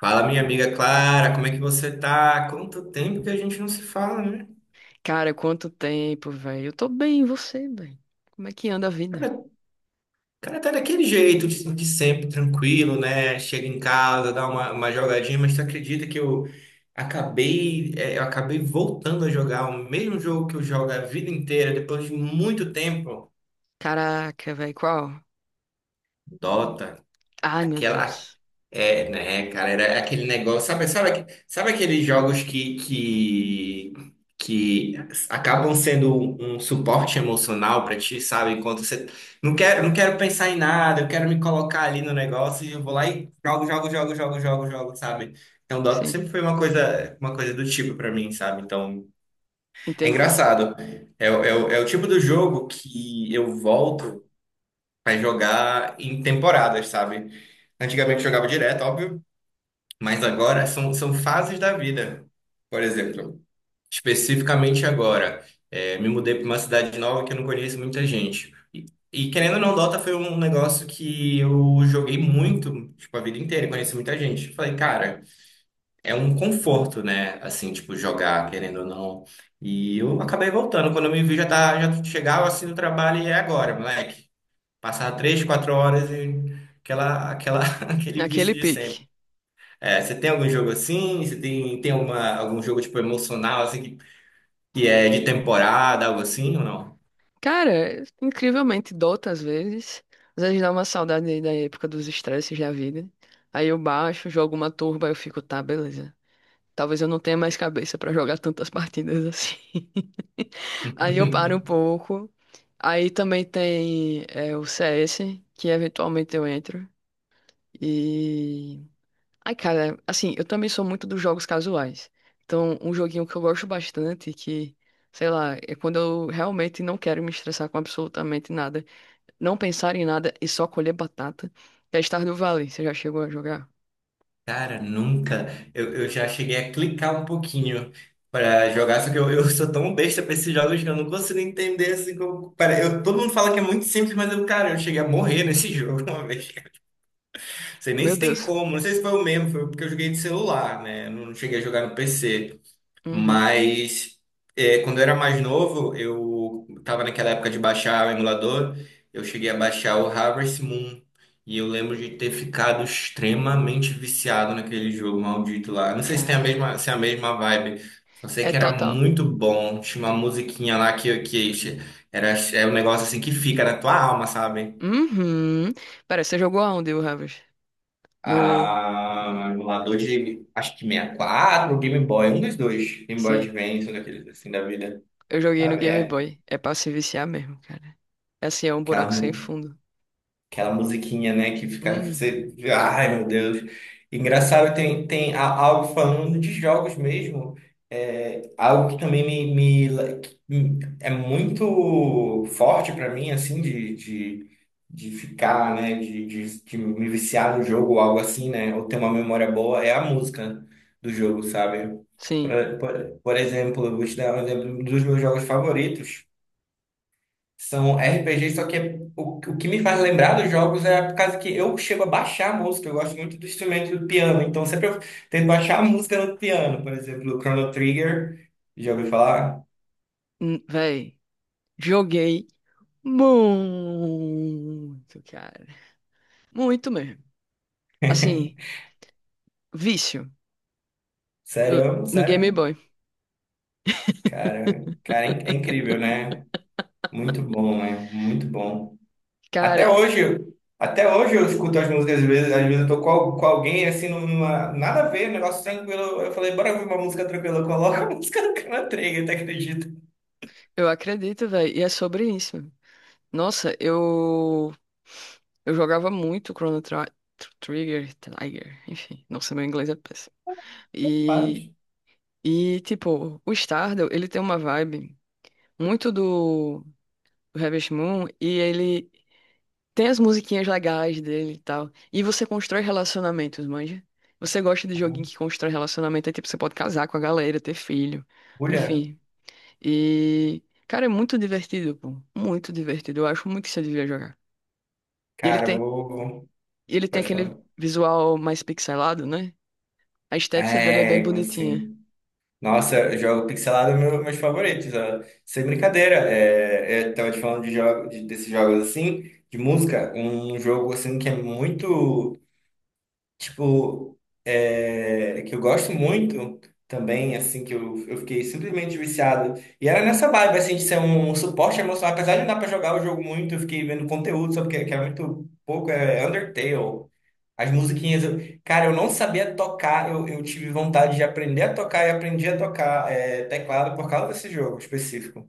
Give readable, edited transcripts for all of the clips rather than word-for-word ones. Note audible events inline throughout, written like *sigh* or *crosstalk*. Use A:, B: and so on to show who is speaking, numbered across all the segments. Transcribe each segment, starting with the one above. A: Fala, minha amiga Clara, como é que você tá? Quanto tempo que a gente não se fala, né?
B: Cara, quanto tempo, velho. Eu tô bem, e você, velho? Como é que anda a vida?
A: Cara, o cara tá daquele jeito, de sempre, tranquilo, né? Chega em casa, dá uma jogadinha, mas tu acredita que eu eu acabei voltando a jogar o mesmo jogo que eu jogo a vida inteira, depois de muito tempo?
B: Caraca, velho, qual?
A: Dota.
B: Ai, meu
A: Aquela,
B: Deus.
A: Né, cara, era aquele negócio, sabe aqueles jogos que acabam sendo um suporte emocional pra ti, sabe? Enquanto você não quero pensar em nada, eu quero me colocar ali no negócio e eu vou lá e jogo, jogo, jogo, jogo, jogo, jogo, sabe? Então, Dota
B: Sim,
A: sempre foi uma coisa do tipo pra mim, sabe? Então, é
B: entender.
A: engraçado. É o tipo do jogo que eu volto pra jogar em temporadas, sabe? Antigamente eu jogava direto, óbvio. Mas agora são fases da vida. Por exemplo, especificamente agora, me mudei para uma cidade nova que eu não conheço muita gente. E querendo ou não, Dota foi um negócio que eu joguei muito, tipo, a vida inteira, e conheci muita gente. Falei, cara, é um conforto, né? Assim, tipo, jogar, querendo ou não. E eu acabei voltando. Quando eu me vi, já, tá, já chegava assim no trabalho e é agora, moleque. Passar três, quatro horas e aquela, aquela, *laughs* aquele vício
B: Naquele
A: de sempre.
B: pique.
A: É, você tem algum jogo assim? Você tem, algum jogo tipo emocional assim que é de temporada, algo assim ou não?
B: Cara, incrivelmente dota às vezes. Às vezes dá uma saudade aí da época dos estresses da vida. Aí eu baixo, jogo uma turba, eu fico, tá, beleza. Talvez eu não tenha mais cabeça pra jogar tantas partidas assim. *laughs* Aí eu paro um
A: *laughs*
B: pouco. Aí também tem o CS, que eventualmente eu entro. E. Ai, cara, assim, eu também sou muito dos jogos casuais. Então, um joguinho que eu gosto bastante, que, sei lá, é quando eu realmente não quero me estressar com absolutamente nada, não pensar em nada e só colher batata, é Stardew Valley. Você já chegou a jogar?
A: Cara, nunca. Eu já cheguei a clicar um pouquinho pra jogar, só que eu sou tão besta pra esses jogos que eu não consigo entender assim como. Para, eu, todo mundo fala que é muito simples, mas eu, cara, eu cheguei a morrer nesse *laughs* jogo uma vez. Não sei nem
B: Meu
A: se tem
B: Deus.
A: como, não sei se foi o mesmo, foi porque eu joguei de celular, né? Eu não cheguei a jogar no PC.
B: Uhum.
A: Mas é, quando eu era mais novo, eu tava naquela época de baixar o emulador, eu cheguei a baixar o Harvest Moon. E eu lembro de ter ficado extremamente viciado naquele jogo maldito lá. Não sei se tem a
B: Cara,
A: mesma, se é a mesma vibe. Só sei
B: é
A: que era
B: total.
A: muito bom. Tinha uma musiquinha lá que era, é um negócio assim que fica na tua alma, sabe?
B: Uhum. Pera, você jogou aonde, o Harvest? No.
A: Ah, emulador de, acho que 64, ou Game Boy, um dos dois, Game Boy
B: Sim.
A: Advance, um daqueles assim da vida,
B: Eu joguei no
A: sabe?
B: Game
A: É,
B: Boy. É pra se viciar mesmo, cara. É assim, é um
A: Aquela,
B: buraco sem
A: mu-
B: fundo.
A: aquela musiquinha, né, que fica,
B: Uhum.
A: você, ai meu Deus. Engraçado, algo falando de jogos mesmo, algo que também me la- que me- é muito forte para mim, assim, de ficar, né, de me viciar no jogo ou algo assim, né, ou ter uma memória boa, é a música do jogo, sabe?
B: Sim.
A: Por, por exemplo, eu vou te dar um exemplo dos meus jogos favoritos. São RPG, só que o que me faz lembrar dos jogos é por causa que eu chego a baixar a música, eu gosto muito do instrumento do piano, então sempre eu tento baixar a música no piano, por exemplo, o Chrono Trigger, já ouviu falar?
B: Véi, joguei muito, cara. Muito mesmo. Assim,
A: *laughs*
B: vício no,
A: Sério,
B: no Game
A: sério?
B: Boy.
A: Cara, cara, é incrível, né? Muito bom, né? Muito bom. Até
B: Cara,
A: hoje, até hoje eu escuto as músicas, às vezes eu tô com alguém assim, numa, nada a ver, um negócio tranquilo. Eu falei, bora ouvir uma música tranquila, coloca a *laughs* música do Chrono Trigger, tu acredita?
B: eu acredito, véi, e é sobre isso. Nossa, eu jogava muito Trigger, Trigger, enfim. Nossa, meu inglês é péssimo. E,
A: Faz.
B: e tipo, o Stardew, ele tem uma vibe muito do Harvest Moon e ele tem as musiquinhas legais dele e tal. E você constrói relacionamentos, manja? Você gosta de joguinho que constrói relacionamento, aí tipo, você pode casar com a galera, ter filho,
A: Mulher,
B: enfim. E, cara, é muito divertido, pô. Muito divertido. Eu acho muito que você devia jogar. E ele
A: cara, eu
B: tem,
A: vou.
B: e ele tem
A: Pode
B: aquele
A: falar.
B: visual mais pixelado, né? A estética dele é bem
A: É,
B: bonitinha.
A: assim. Nossa, eu jogo pixelado é meu, meus favoritos. Ó. Sem brincadeira. É, é, eu tava te falando de jogo, desses jogos assim, de música. Um jogo assim que é muito. Tipo, é, que eu gosto muito também, assim, que eu fiquei simplesmente viciado. E era nessa vibe, assim, de ser um suporte emocional. Apesar de não dar pra jogar o jogo muito, eu fiquei vendo conteúdo, só porque que era muito pouco, é Undertale. As musiquinhas, eu- cara, eu não sabia tocar, eu tive vontade de aprender a tocar e aprendi a tocar teclado por causa desse jogo específico.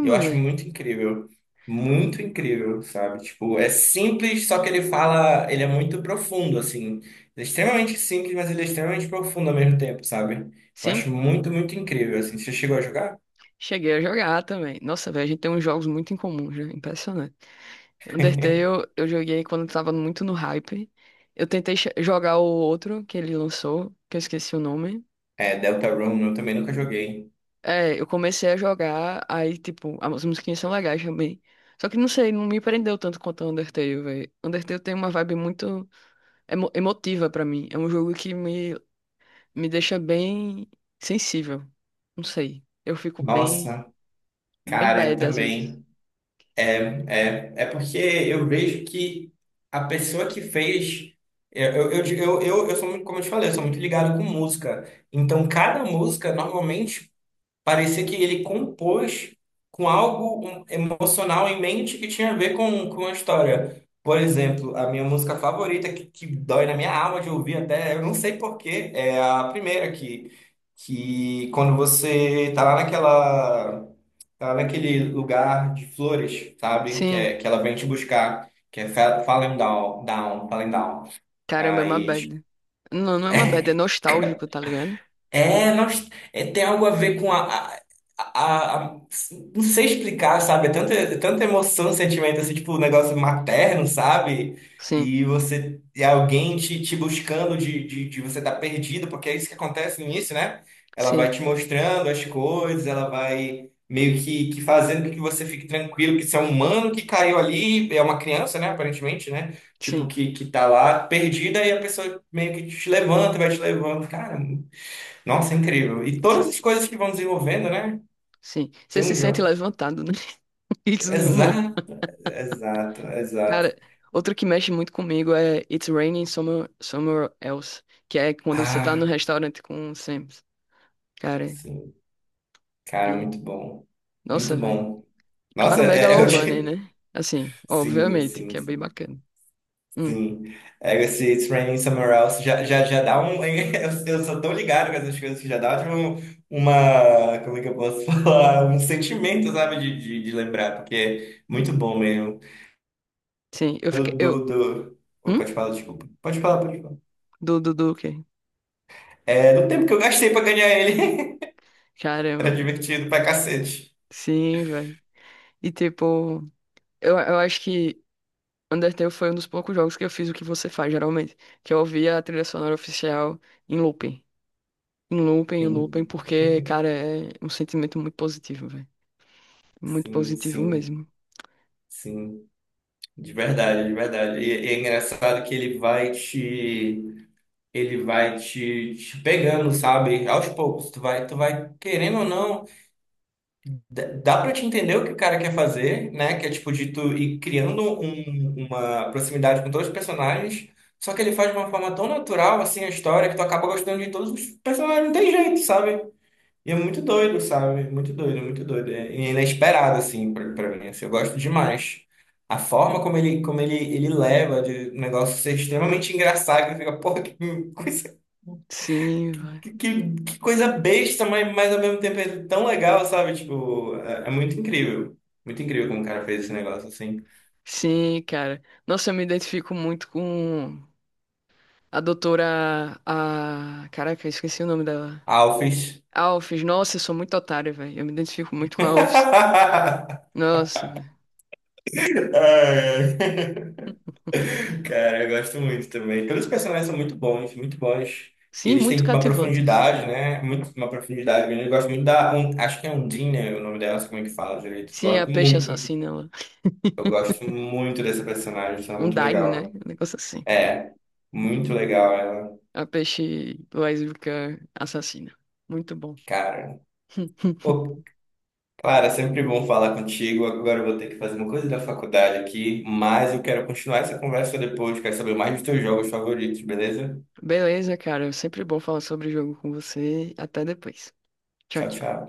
A: Eu acho
B: velho.
A: muito incrível. Muito incrível, sabe? Tipo, é simples, só que ele fala, ele é muito profundo, assim. Ele é extremamente simples, mas ele é extremamente profundo ao mesmo tempo, sabe? Eu
B: Sim,
A: acho muito, muito incrível, assim. Você chegou a jogar?
B: cheguei a jogar também. Nossa, velho, a gente tem uns jogos muito em comum, já. Impressionante. Undertale eu joguei quando tava muito no hype. Eu tentei jogar o outro que ele lançou, que eu esqueci o nome.
A: É, Deltarune, eu também nunca joguei.
B: É, eu comecei a jogar, aí, tipo, as musiquinhas são legais também. Só que não sei, não me prendeu tanto quanto o Undertale, velho. Undertale tem uma vibe muito emotiva pra mim. É um jogo que me deixa bem sensível. Não sei. Eu fico
A: Nossa,
B: bem
A: cara, eu
B: bad às vezes.
A: também. É, é porque eu vejo que a pessoa que fez. Eu eu sou muito, como eu te falei, eu sou muito ligado com música. Então, cada música, normalmente. Parecia que ele compôs com algo um, emocional em mente que tinha a ver com a história. Por exemplo, a minha música favorita, que dói na minha alma de ouvir até, eu não sei por quê, é a primeira que quando você tá lá naquela, tá lá naquele lugar de flores, sabe? Que,
B: Sim,
A: é, que ela vem te buscar, que é Falling Down, Down, Falling Down.
B: caramba, é uma
A: Aí tipo,
B: bad. Não, não é uma bad, é nostálgico, tá ligado?
A: tem algo a ver com a não sei explicar, sabe? É tanta emoção, sentimento, assim, tipo, um negócio materno, sabe?
B: Sim,
A: E você... E alguém te buscando de você estar perdido, porque é isso que acontece no início, né? Ela vai
B: sim.
A: te mostrando as coisas, ela vai meio que fazendo com que você fique tranquilo, que você é um humano que caiu ali, é uma criança, né? Aparentemente, né? Tipo,
B: Sim,
A: que tá lá perdida e a pessoa meio que te levanta, vai te levando. Cara... Nossa, incrível. E todas as coisas que vão desenvolvendo, né?
B: sim. Você
A: Tem
B: se
A: um
B: sente
A: jogo.
B: levantado, né? *laughs* Isso, meu irmão.
A: Exato, exato,
B: Cara,
A: exato.
B: outro que mexe muito comigo é It's Raining Somewhere, Somewhere Else, que é quando você tá no
A: Ah,
B: restaurante com o Sam. Cara,
A: sim. Cara,
B: e...
A: muito bom.
B: Nossa,
A: Muito
B: velho.
A: bom. Nossa,
B: Claro,
A: é, é o
B: Megalovania,
A: que... *laughs*
B: né? Assim,
A: Sim,
B: obviamente,
A: sim,
B: que é bem
A: sim.
B: bacana. Hum,
A: Sim. É, esse It's Raining Somewhere Else já, já, já dá um... *laughs* Eu sou tão ligado com essas coisas que já dá tipo, uma... Como é que eu posso *laughs* falar? Um sentimento, sabe? De lembrar, porque é muito bom mesmo.
B: sim, eu fiquei... Eu... Hum?
A: Pode falar, desculpa. Pode falar, pode falar.
B: Do quê?
A: É, do tempo que eu gastei pra ganhar ele. *laughs* Era
B: Caramba.
A: divertido pra cacete.
B: Sim, velho. E, tipo... Eu acho que Undertale foi um dos poucos jogos que eu fiz o que você faz, geralmente, que eu ouvia a trilha sonora oficial em looping. Em looping, em looping,
A: Sim,
B: porque, cara, é um sentimento muito positivo, velho. Muito
A: sim,
B: positivo
A: sim,
B: mesmo.
A: sim. De verdade, de verdade. E é engraçado que ele vai te. Ele vai te pegando, sabe? Aos poucos. Tu vai querendo ou não. Dá pra te entender o que o cara quer fazer, né? Que é tipo de tu ir criando uma proximidade com todos os personagens. Só que ele faz de uma forma tão natural, assim, a história, que tu acaba gostando de todos os personagens. Não tem jeito, sabe? E é muito doido, sabe? Muito doido, muito doido. É inesperado, assim, pra mim. Assim, eu gosto demais. A forma como ele, ele leva de um negócio ser extremamente engraçado, que fica, porra, que coisa,
B: Sim, velho.
A: que coisa besta, mas ao mesmo tempo é tão legal, sabe? Tipo, é, é muito incrível. Muito incrível como o cara fez esse negócio, assim.
B: Sim, cara. Nossa, eu me identifico muito com a doutora. A. Caraca, eu esqueci o nome dela.
A: Alphys.
B: Alphys. Nossa, eu sou muito otário, velho. Eu me identifico muito com a Alphys.
A: *laughs*
B: Nossa, velho.
A: Ai, Cara, eu gosto muito também. Todos os personagens são muito bons, muito bons. E
B: Sim,
A: eles
B: muito
A: têm uma
B: cativantes.
A: profundidade, né? Muito, uma profundidade grande. Eu gosto muito da. Acho que é Undine, né, o nome dela, não sei como é que fala direito.
B: Sim, a
A: Gosto
B: peixe
A: muito,
B: assassina,
A: muito.
B: ela.
A: Eu gosto muito dessa personagem, acho ela
B: Um
A: muito
B: Daine, né?
A: legal.
B: Um negócio assim.
A: Muito legal ela.
B: A peixe lésbica assassina. Muito bom.
A: Cara.
B: *laughs*
A: Pô, Clara, sempre bom falar contigo. Agora eu vou ter que fazer uma coisa da faculdade aqui, mas eu quero continuar essa conversa depois. Quero saber mais dos teus jogos favoritos, beleza?
B: Beleza, cara. Sempre bom falar sobre o jogo com você. Até depois. Tchau,
A: Tchau,
B: tchau.
A: tchau.